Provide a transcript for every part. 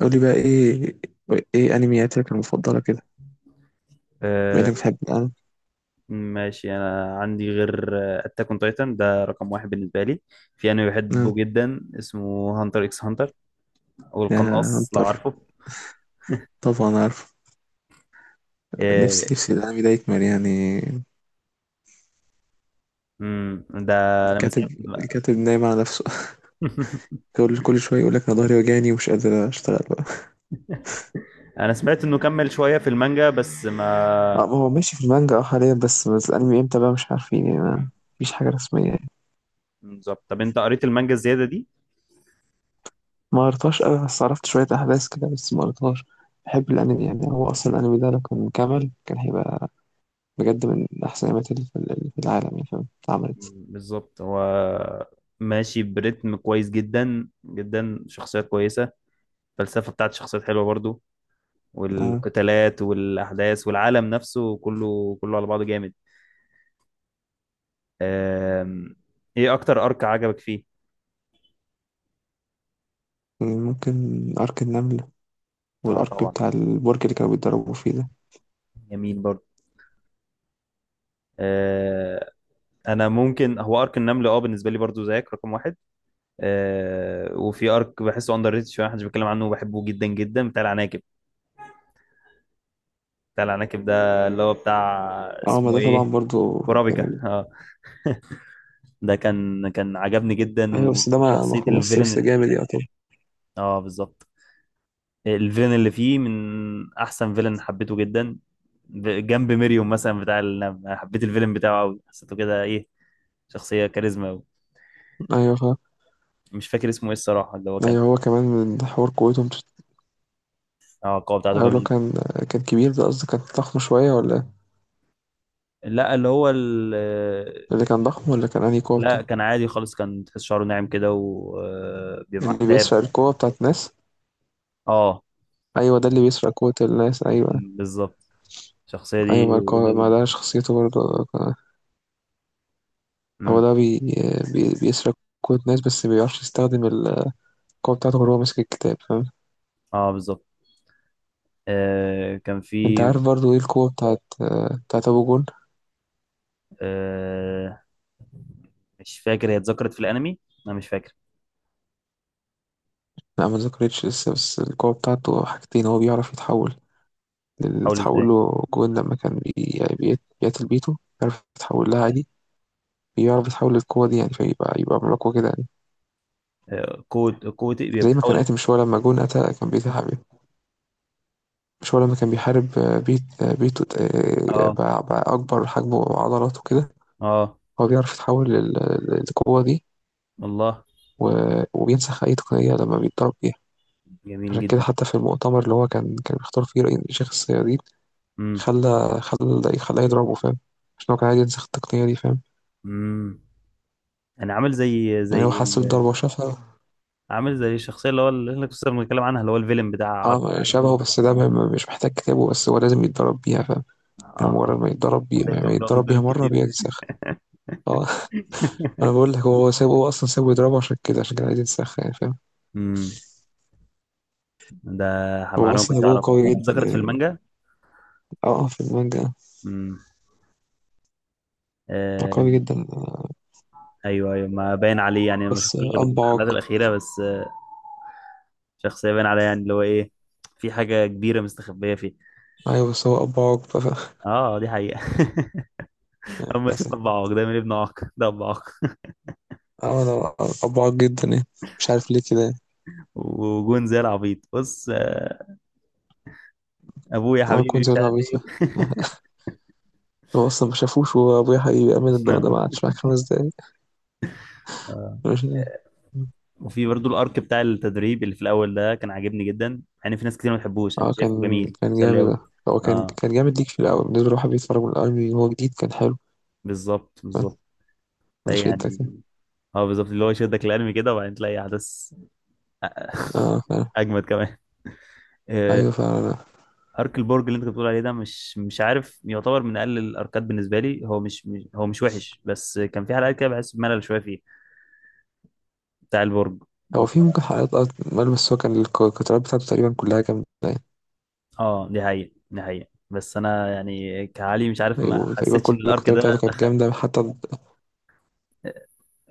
قولي بقى ايه انمياتك المفضلة كده؟ بما آه، انك بتحب الانمي. ماشي انا عندي غير اتاك اون تايتن ده رقم واحد بالنسبه لي. في انمي نعم. بحبه جدا اسمه هانتر اكس هانتر، او يا القناص لو هنتر، عارفه. طبعا عارف. آه، نفسي الانمي ده يكمل يعني. ده انا من ساعه الكاتب الكاتب نايم على نفسه. كل شوية يقول لك انا ظهري وجعني ومش قادر اشتغل بقى. انا سمعت انه كمل شويه في المانجا بس اه، ما. ما هو ماشي في المانجا اه حاليا، بس الانمي امتى بقى مش عارفين يعني، مم، ما فيش حاجة رسمية يعني. بالظبط، طب انت قريت المانجا الزياده دي؟ ما قريتهاش قوي، بس عرفت شوية احداث كده، بس ما قريتهاش. بحب الانمي يعني، هو اصلا الانمي ده لو كان كمل كان هيبقى بجد من احسن الانميات اللي في العالم يعني، فاهم اتعملت. بالظبط. هو ماشي بريتم كويس جدا جدا، شخصيات كويسه، الفلسفه بتاعت الشخصيات حلوه برضو، آه. والقتالات والاحداث والعالم نفسه كله كله على بعضه جامد. آم، ايه اكتر ارك عجبك فيه؟ ممكن أرك النملة اه والأرك طبعا، بتاع البرج اللي كانوا بيتدربوا فيه ده. جميل برضه. آه، انا ممكن هو ارك النمل، اه بالنسبه لي برضه زيك رقم واحد. وفي ارك بحسه اندر ريتد شويه، محدش بيتكلم عنه وبحبه جدا جدا، بتاع العناكب. بتاع العناكب ده اللي هو بتاع، اه، ما اسمه ده طبعا ايه، برضو ورابيكا. جامد. اه ده كان عجبني جدا، أيوة بس ده ما وشخصيه خلصش، بس الفيلن. جامد يا طبعا. اه بالظبط، الفيلن اللي فيه من احسن فيلن، حبيته جدا جنب ميريوم مثلا بتاع النمل. انا حبيت الفيلن بتاعه قوي، حسيته كده ايه، شخصيه كاريزما قوي. أيوة مش فاكر اسمه ايه الصراحه، اللي هو كان أيوة هو كمان من حوار قوته مش. اه القوه بتاعته أيوة لو جميل. كان كبير، ده قصدي كان ضخم شوية، ولا إيه؟ لا اللي هو ال... اللي كان ضخم، ولا كان أنهي قوة لا، بتاعه. كان عادي خالص، كان تحس شعره ناعم كده وبيبقى معاه اللي كتاب. بيسرق القوة بتاعت الناس. اه. أيوة ده اللي بيسرق قوة الناس، أيوة. بالظبط، الشخصيه دي أيوة جميله ما جدا. ده شخصيته برضو. هو امم. ده بيسرق قوة الناس، بس مبيعرفش يستخدم القوة بتاعته غير هو ماسك الكتاب، فاهم. اه بالظبط. آه كان انت في. عارف برضو ايه القوة بتاعت ابو جون. آه مش فاكر، هي اتذكرت في الانمي؟ انا مش فاكر. لا ما ذكرتش لسه، بس القوة بتاعته حاجتين. هو بيعرف يتحول. اللي حاول اتحول ازاي؟ له جون لما كان بيقتل بيته، بيعرف يتحول لها عادي. بيعرف يتحول للقوة دي يعني، فيبقى يبقى ملاكوة كده يعني. قوة، قوة إيه زي ما كان بتحاول؟ قاتل، مش هو لما جون قتل كان بيتحارب، مش هو لما كان بيحارب، بيته. آه، اه. بقى بقى أكبر حجمه وعضلاته كده. اه. هو بيعرف يتحول للقوة دي. الله. وبينسخ أي تقنية لما بيتضرب بيها. جميل عشان كده، جدا. حتى في المؤتمر اللي هو كان بيختار فيه رئيس شيخ الصيادين، امم. خلى خلى خلاه يضربه، فاهم. عشان هو كان عايز ينسخ التقنية دي، فاهم. امم انا عامل زي يعني هو حس بالضربة وشافها. عامل زي الشخصية اللي هو اللي احنا كنا بنتكلم عنها، اللي هو الفيلم بتاع عرق اه العالم. شبهه، بس ده مش محتاج كتابه، بس هو لازم يتدرب بيها فاهم. يعني مجرد اه ما يتدرب بيها، تلاقي ما كان بيقعد يتدرب بيها يتضرب مرة كتير ده. بينسخ. اه. انا بقول لك، هو سابه. هو اصلا سابه يضربه عشان كده، عشان كان عايز ينسخ يعني، فاهم. امم، ده هو معلومة ما اصلا كنتش ابوه اعرفها، قوي جدا اتذكرت في يعني. المانجا. اه، في المانجا. امم. آه. قوي جدا. ايوه ايوه، ما باين عليه يعني، ما بس شفتوش غير اب الحلقات عاق. الأخيرة بس. شخصية باين عليها يعني اللي هو ايه، في حاجة كبيرة مستخبية فيه. ايوه بس هو اب عاق اه دي حقيقة. اما تشوف للاسف. ابو عوق ده من ابن عوق ده ابو عوق. اه. انا ابعد جدا يعني، مش عارف ليه كده يعني. وجون زي العبيط بص، ابويا انا حبيبي كنت مش ولا عارف عبيط يعني. ايه. هو اصلا ما شافوش. وابويا حبيبي امين ده ما قعدش معاك 5 دقايق. مش- وفي برضو الارك بتاع التدريب اللي في الاول ده كان عاجبني جدا، يعني في ناس كتير ما بتحبوش، انا اه، كنت شايفه كان جميل كان مسلي جامد ده. قوي. هو كان اه كان جامد ليك في الاول، بالنسبه لواحد بيتفرج من الاول، من هو جديد كان حلو، بالظبط فاهم. بالظبط، تلاقي يعني، يشدك يعني. اه بالظبط اللي هو يشدك الانمي كده، وبعدين تلاقي احداث اه فعلا. اجمد كمان. آه، ايوه فعلا. ارك البرج اللي انت بتقول عليه ده، مش مش عارف، يعتبر من اقل الاركات بالنسبه لي. هو مش وحش، بس كان في حلقات كده بحس بملل شويه فيه، بتاع البرج. هو في ممكن حلقات اه مال، بس هو كان القطارات بتاعته تقريبا كلها جامده يعني. اه دي حقيقة دي حقيقة، بس انا يعني كعلي مش عارف، ما ايوه تقريبا حسيتش ان كل الارك القطارات بتاعته ده كانت دخل. جامده، حتى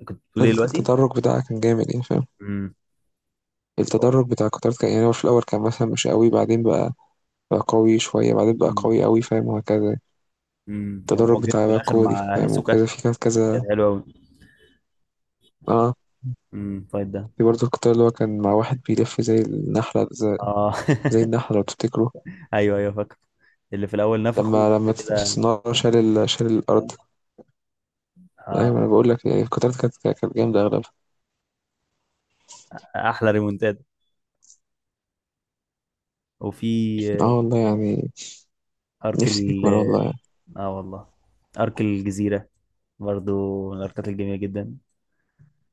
كنت بتقول ايه دلوقتي؟ التدرج بتاعها كان جامد يعني، فاهم. امم. هو- التدرج بتاع القطارات كان يعني هو في الاول كان مثلا مش قوي، بعدين بقى قوي شوية، بعدين بقى امم. قوي قوي، فاهم، وهكذا يعني. امم، التدرج ومواجهته بتاع في بقى الاخر كودي مع فاهم، هيسوكا وكذا في كان كانت كذا. حلوه قوي. اه فايت ده في برضه القطار اللي هو كان مع واحد بيلف زي النحلة، اه. زي النحلة لو تفتكروا. ايوه ايوه فاكر، اللي في الاول نفخه لما وبعد لما كده الصنارة شال الأرض. آه. أيوة أنا بقول لك يعني القطارات كانت جامدة أغلبها. احلى ريمونتاد. وفي اه والله يعني. ارك نفسي ال، يكمل والله يعني. اه والله. ارك الجزيره برضو من الاركات الجميله جدا،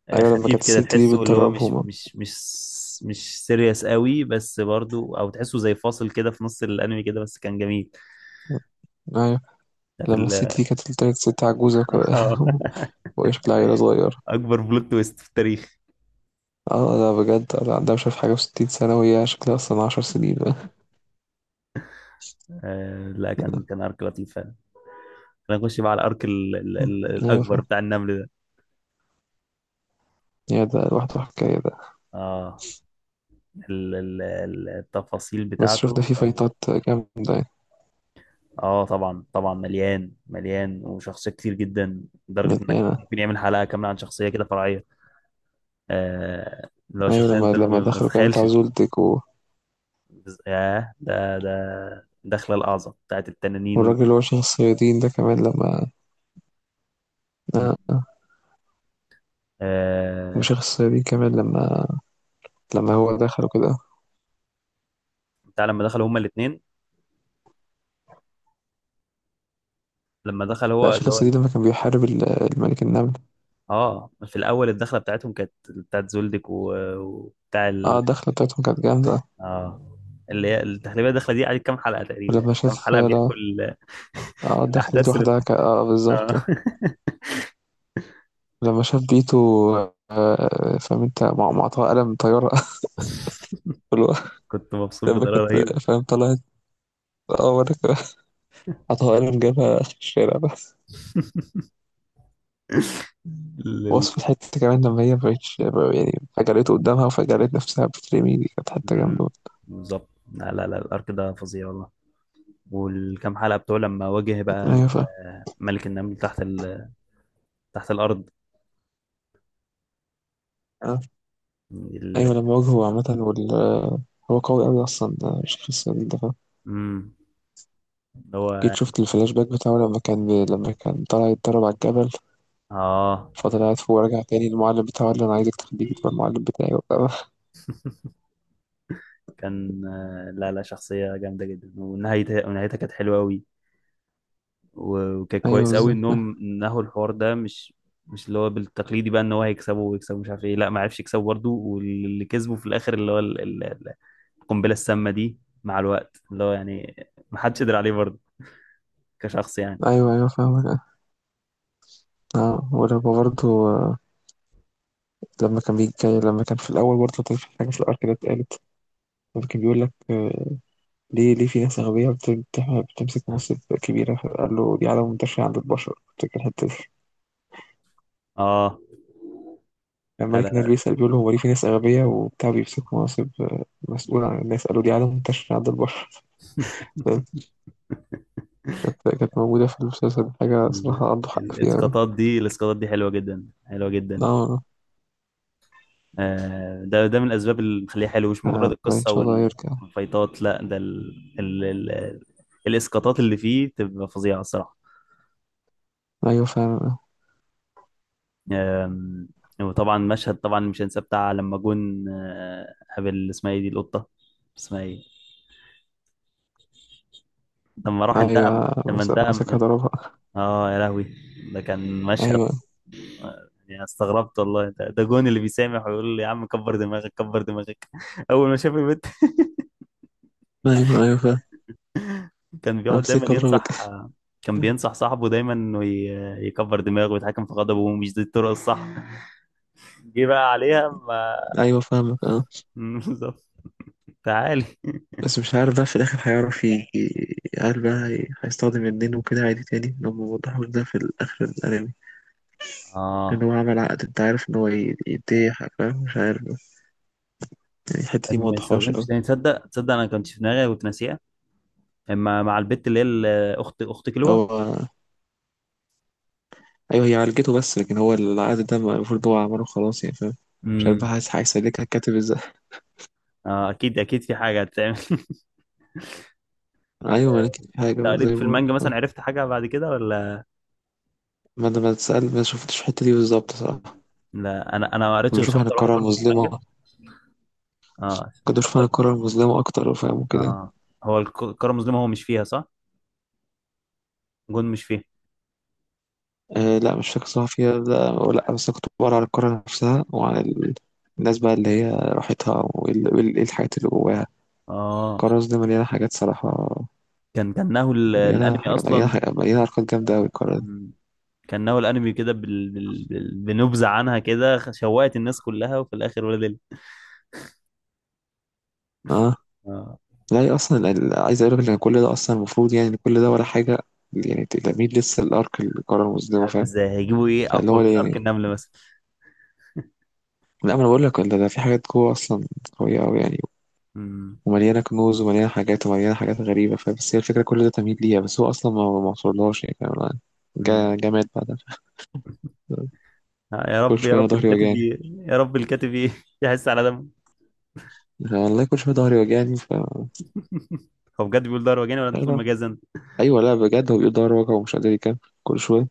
أيوة لما خفيف كانت كده الست دي تحسه اللي هو مش بتدربهم. مش مش مش سيريس قوي بس برضو، او تحسه زي فاصل كده في نص الانمي كده، بس كان جميل. أيوة بتاعت لما ال... الست دي كانت طلعت ست عجوزة وهي شكلها عيلة صغيرة. اكبر بلوت تويست في التاريخ. اه لا بجد، لا عندها مش عارف حاجة وستين سنة، وهي شكلها أصلا 10 سنين. آه لا كان ارك لطيف فعلا. خلينا نخش بقى على الارك ايوه الاكبر فاهم. بتاع النمل ده. يعني ده لوحده حكاية ده. اه التفاصيل بس شوف ده بتاعته فيه كانت فايتات جامدة. اه طبعا طبعا، مليان مليان وشخصيات كتير جدا، يعني لدرجه انك يعني ممكن يعمل حلقه كامله عن شخصيه كده فرعيه، آه اللي هو ايوه. شخصيه لما انت لما ما دخلوا كانوا بتاع تتخيلش. زولتك و... ياه، ده دخلة الأعظم بتاعت التنانين و... والراجل اللي هو شيخ الصيادين ده كمان لما. آه، آه. آه... وشيخ الصيادين كمان لما هو دخل وكده. بتاع لما دخلوا هما الاتنين، لما دخل لا هو شيخ اللي هو الصيادين لما كان بيحارب الملك النمل. اه. في الأول الدخلة بتاعتهم كانت بتاعت زولدك و... وبتاع اه الدخلة بتاعتهم كانت جامدة. اه. اللي هي التحليبية الدخلة دي قعدت كام حلقة تقريبا، ولما يعني كام شاف حلقة لا. بيحكوا اه الدخلة دي الأحداث اللي لوحدها اه بالظبط. آه. لما شاف بيتو، آه فاهم انت، معطاه قلم طيارة. اللي هو كنت مبسوط لما بطريقة كانت رهيبة. فاهم طلعت. اه، وريك حطها قلم، جابها آخر الشارع بس. لل... وصف الحتة كمان لما هي مبقتش يعني. فجرته قدامها وفجرت نفسها، بترمي دي، كانت حتة مم. جامدة. بالظبط لا لا لا، الارك ده فظيع والله. والكام حلقه بتوع لما واجه بقى أيوة فاهم. ملك النمل تحت، تحت الارض. آه. ال... أيوة لما واجهه عامة هو قوي أوي أصلا، ده الشخص ده، فاهم. امم. اللي هو جيت شفت الفلاش باك بتاعه، لما كان طالع يتدرب على الجبل، اه فضل قاعد فوق ورجع تاني. المعلم بتاعه قال له أنا عايزك تخليك تبقى المعلم بتاعي. وبتاع. كان لا لا، شخصيه جامده جدا، ونهايتها ونهايتها كانت حلوه قوي، وكان أيوة كويس قوي بالظبط. انهم نهوا الحوار ده مش، مش اللي هو بالتقليدي بقى، ان هو هيكسبه ويكسبه مش عارف ايه، لا ما عرفش يكسبه برضه، واللي كسبه في الاخر اللي هو القنبله السامه دي، مع الوقت اللي هو يعني ما حدش قدر عليه برضه، كشخص يعني. أيوة أيوة فاهمك اه. ولما برضه لما كان بيجي، لما كان في الأول برضه كان في حاجة في الأرك ده اتقالت. لما كان بيقول لك ليه في ناس أغبياء بتمسك مناصب كبيرة، فقال له دي عادة منتشرة عند البشر، افتكر الحتة دي. اه لما لا لا الملك نال لا. بيسأل، بيقول له هو ليه في ناس أغبياء وبتاع بيمسكوا مناصب، مسؤول عن الناس، قالوا دي عادة منتشرة عند البشر. فاهم؟ كانت موجودة في المسلسل حاجة ال- صراحة، عنده حق فيها أوي. الاسقاطات دي، الاسقاطات دي حلوه جدا حلوه جدا. لا، ده ده من الاسباب اللي مخليه حلو، مش مجرد لا إن القصه شاء الله يرجع. والفايتات. لا ده ال... ال... الاسقاطات اللي فيه بتبقى فظيعه الصراحه. أيوة فعلا. آم، وطبعا مشهد طبعا مش هنساه، بتاع لما جون قابل اسمها ايه دي القطه، اسمها ايه، لما راح انتقم، أيوه لما انتقم مسكها ضربها. اه يا لهوي. ده كان مشهد أيوه يعني استغربت والله، ده، ده جون اللي بيسامح ويقول لي يا عم كبر دماغك كبر دماغك اول ما شاف البنت. أيوه أيوه فاهم. كان بيقعد دايما أمسكها أضربك. ينصح، كان بينصح صاحبه دايما انه يكبر دماغه ويتحكم في غضبه، ومش دي الطرق الصح. جه بقى عليها ما. أيوه فاهمك أه. بالظبط. تعالي. بس مش عارف بقى في الآخر هيعرف هل بقى هيستخدم النين وكده عادي تاني، لما وضحوا ده في الآخر الأنمي. لأن اه هو عمل عقد، أنت عارف إن هو يديه حاجة، فاهم، مش عارف بقى. يعني الحتة دي إنه ما موضحهاش يستخدمش أوي. تاني. تصدق تصدق انا كنت في دماغي كنت ناسيها، اما مع البت اللي هي اخت كلوة. هو. أيوه هي عالجته، بس لكن هو العقد ده المفروض هو عمله خلاص يعني، فاهم. مش عارف امم. بقى هيسلكها الكاتب ازاي. اه اكيد اكيد في حاجه هتتعمل. أيوه ما أنا آه، كده، في انت حاجة قريت زي في ما بقولك المانجا مثلا، آه. عرفت حاجه بعد كده ولا؟ ما أنا، ما تسأل، ما شفتش الحتة دي بالظبط صراحة. لا انا ما قريتش لما غير أشوف عن شابتر واحد القارة برضو في المانجا. المظلمة. اه كنت أشوف عن شابتر. القارة المظلمة أكتر فاهم وكده. اه هو الكره المظلمه هو مش فيها صح؟ جون مش فيها. آه لا مش فاكر صراحة، فيها لا ولا، بس أنا كنت بقرا على القارة نفسها وعلى الناس بقى اللي هي راحتها، إيه الحاجات اللي جواها. اه القارة دي مليانة حاجات صراحة. كانه الانمي اصلا. مليانة حركات جامدة أوي القارة دي. مم. كانه الانمي كده بنبذه عنها كده، شوقت الناس كلها، وفي الاخر ولا دل. اه اه لا، هي أصلا عايز أقول لك إن كل ده أصلا المفروض يعني، إن كل ده ولا حاجة يعني. تلاميذ لسه الأرك القارة مش المظلمة عارف فاهم. ازاي هيجيبوا ايه فاللي اقوى هو ده من ارك يعني. النمل مثلا. لا ما أنا بقول لك، ده في حاجات جوه أصلا قوية أوي يعني. مم. ومليانة كنوز، ومليانة حاجات، ومليانة حاجات غريبة، فبس هي الفكرة كل ده تمهيد ليها، بس هو أصلا ما وصلهاش يعني، فاهم أنا. جا مم. جا مات بعدها. يا كل رب يا شوية أنا رب ظهري الكاتب وجعني، يا رب الكاتب يحس على دمه. والله كل شوية ظهري وجعني ف. هو بجد بيقول ده روجاني ولا انت بتقول مجازا؟ أيوة لا بجد، هو بيقول ظهره وجعه ومش قادر يكمل كل شوية.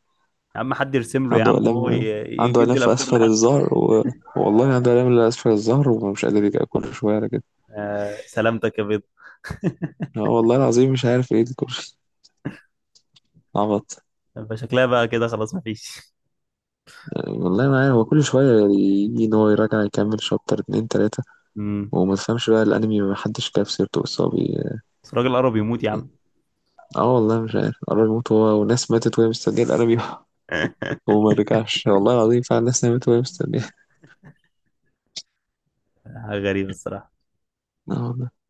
يا عم حد يرسم له يا عنده عم، وهو آلام، عنده آلام يدي في الافكار أسفل لحد. الظهر و... والله عنده آلام اللي أسفل الظهر، ومش قادر يكمل كل شوية على كده. آه سلامتك يا بيض. والله العظيم مش عارف إيه دي، كل عبط. فشكلها بقى كده خلاص مفيش. والله ما عارف، هو كل شوية يجي إن هو يراجع يكمل شابتر اتنين تلاتة، امم. وما تفهمش بقى الانمي، ما حدش جاب سيرته اصابي. بس الراجل قرب يموت يا عم. اه والله، مش عارف قرب يموت هو، وناس ماتت وهي مستنيه الانمي. وما رجعش، والله العظيم فعلا ناس ماتت وهي مستنيه. غريبة الصراحة. اه والله.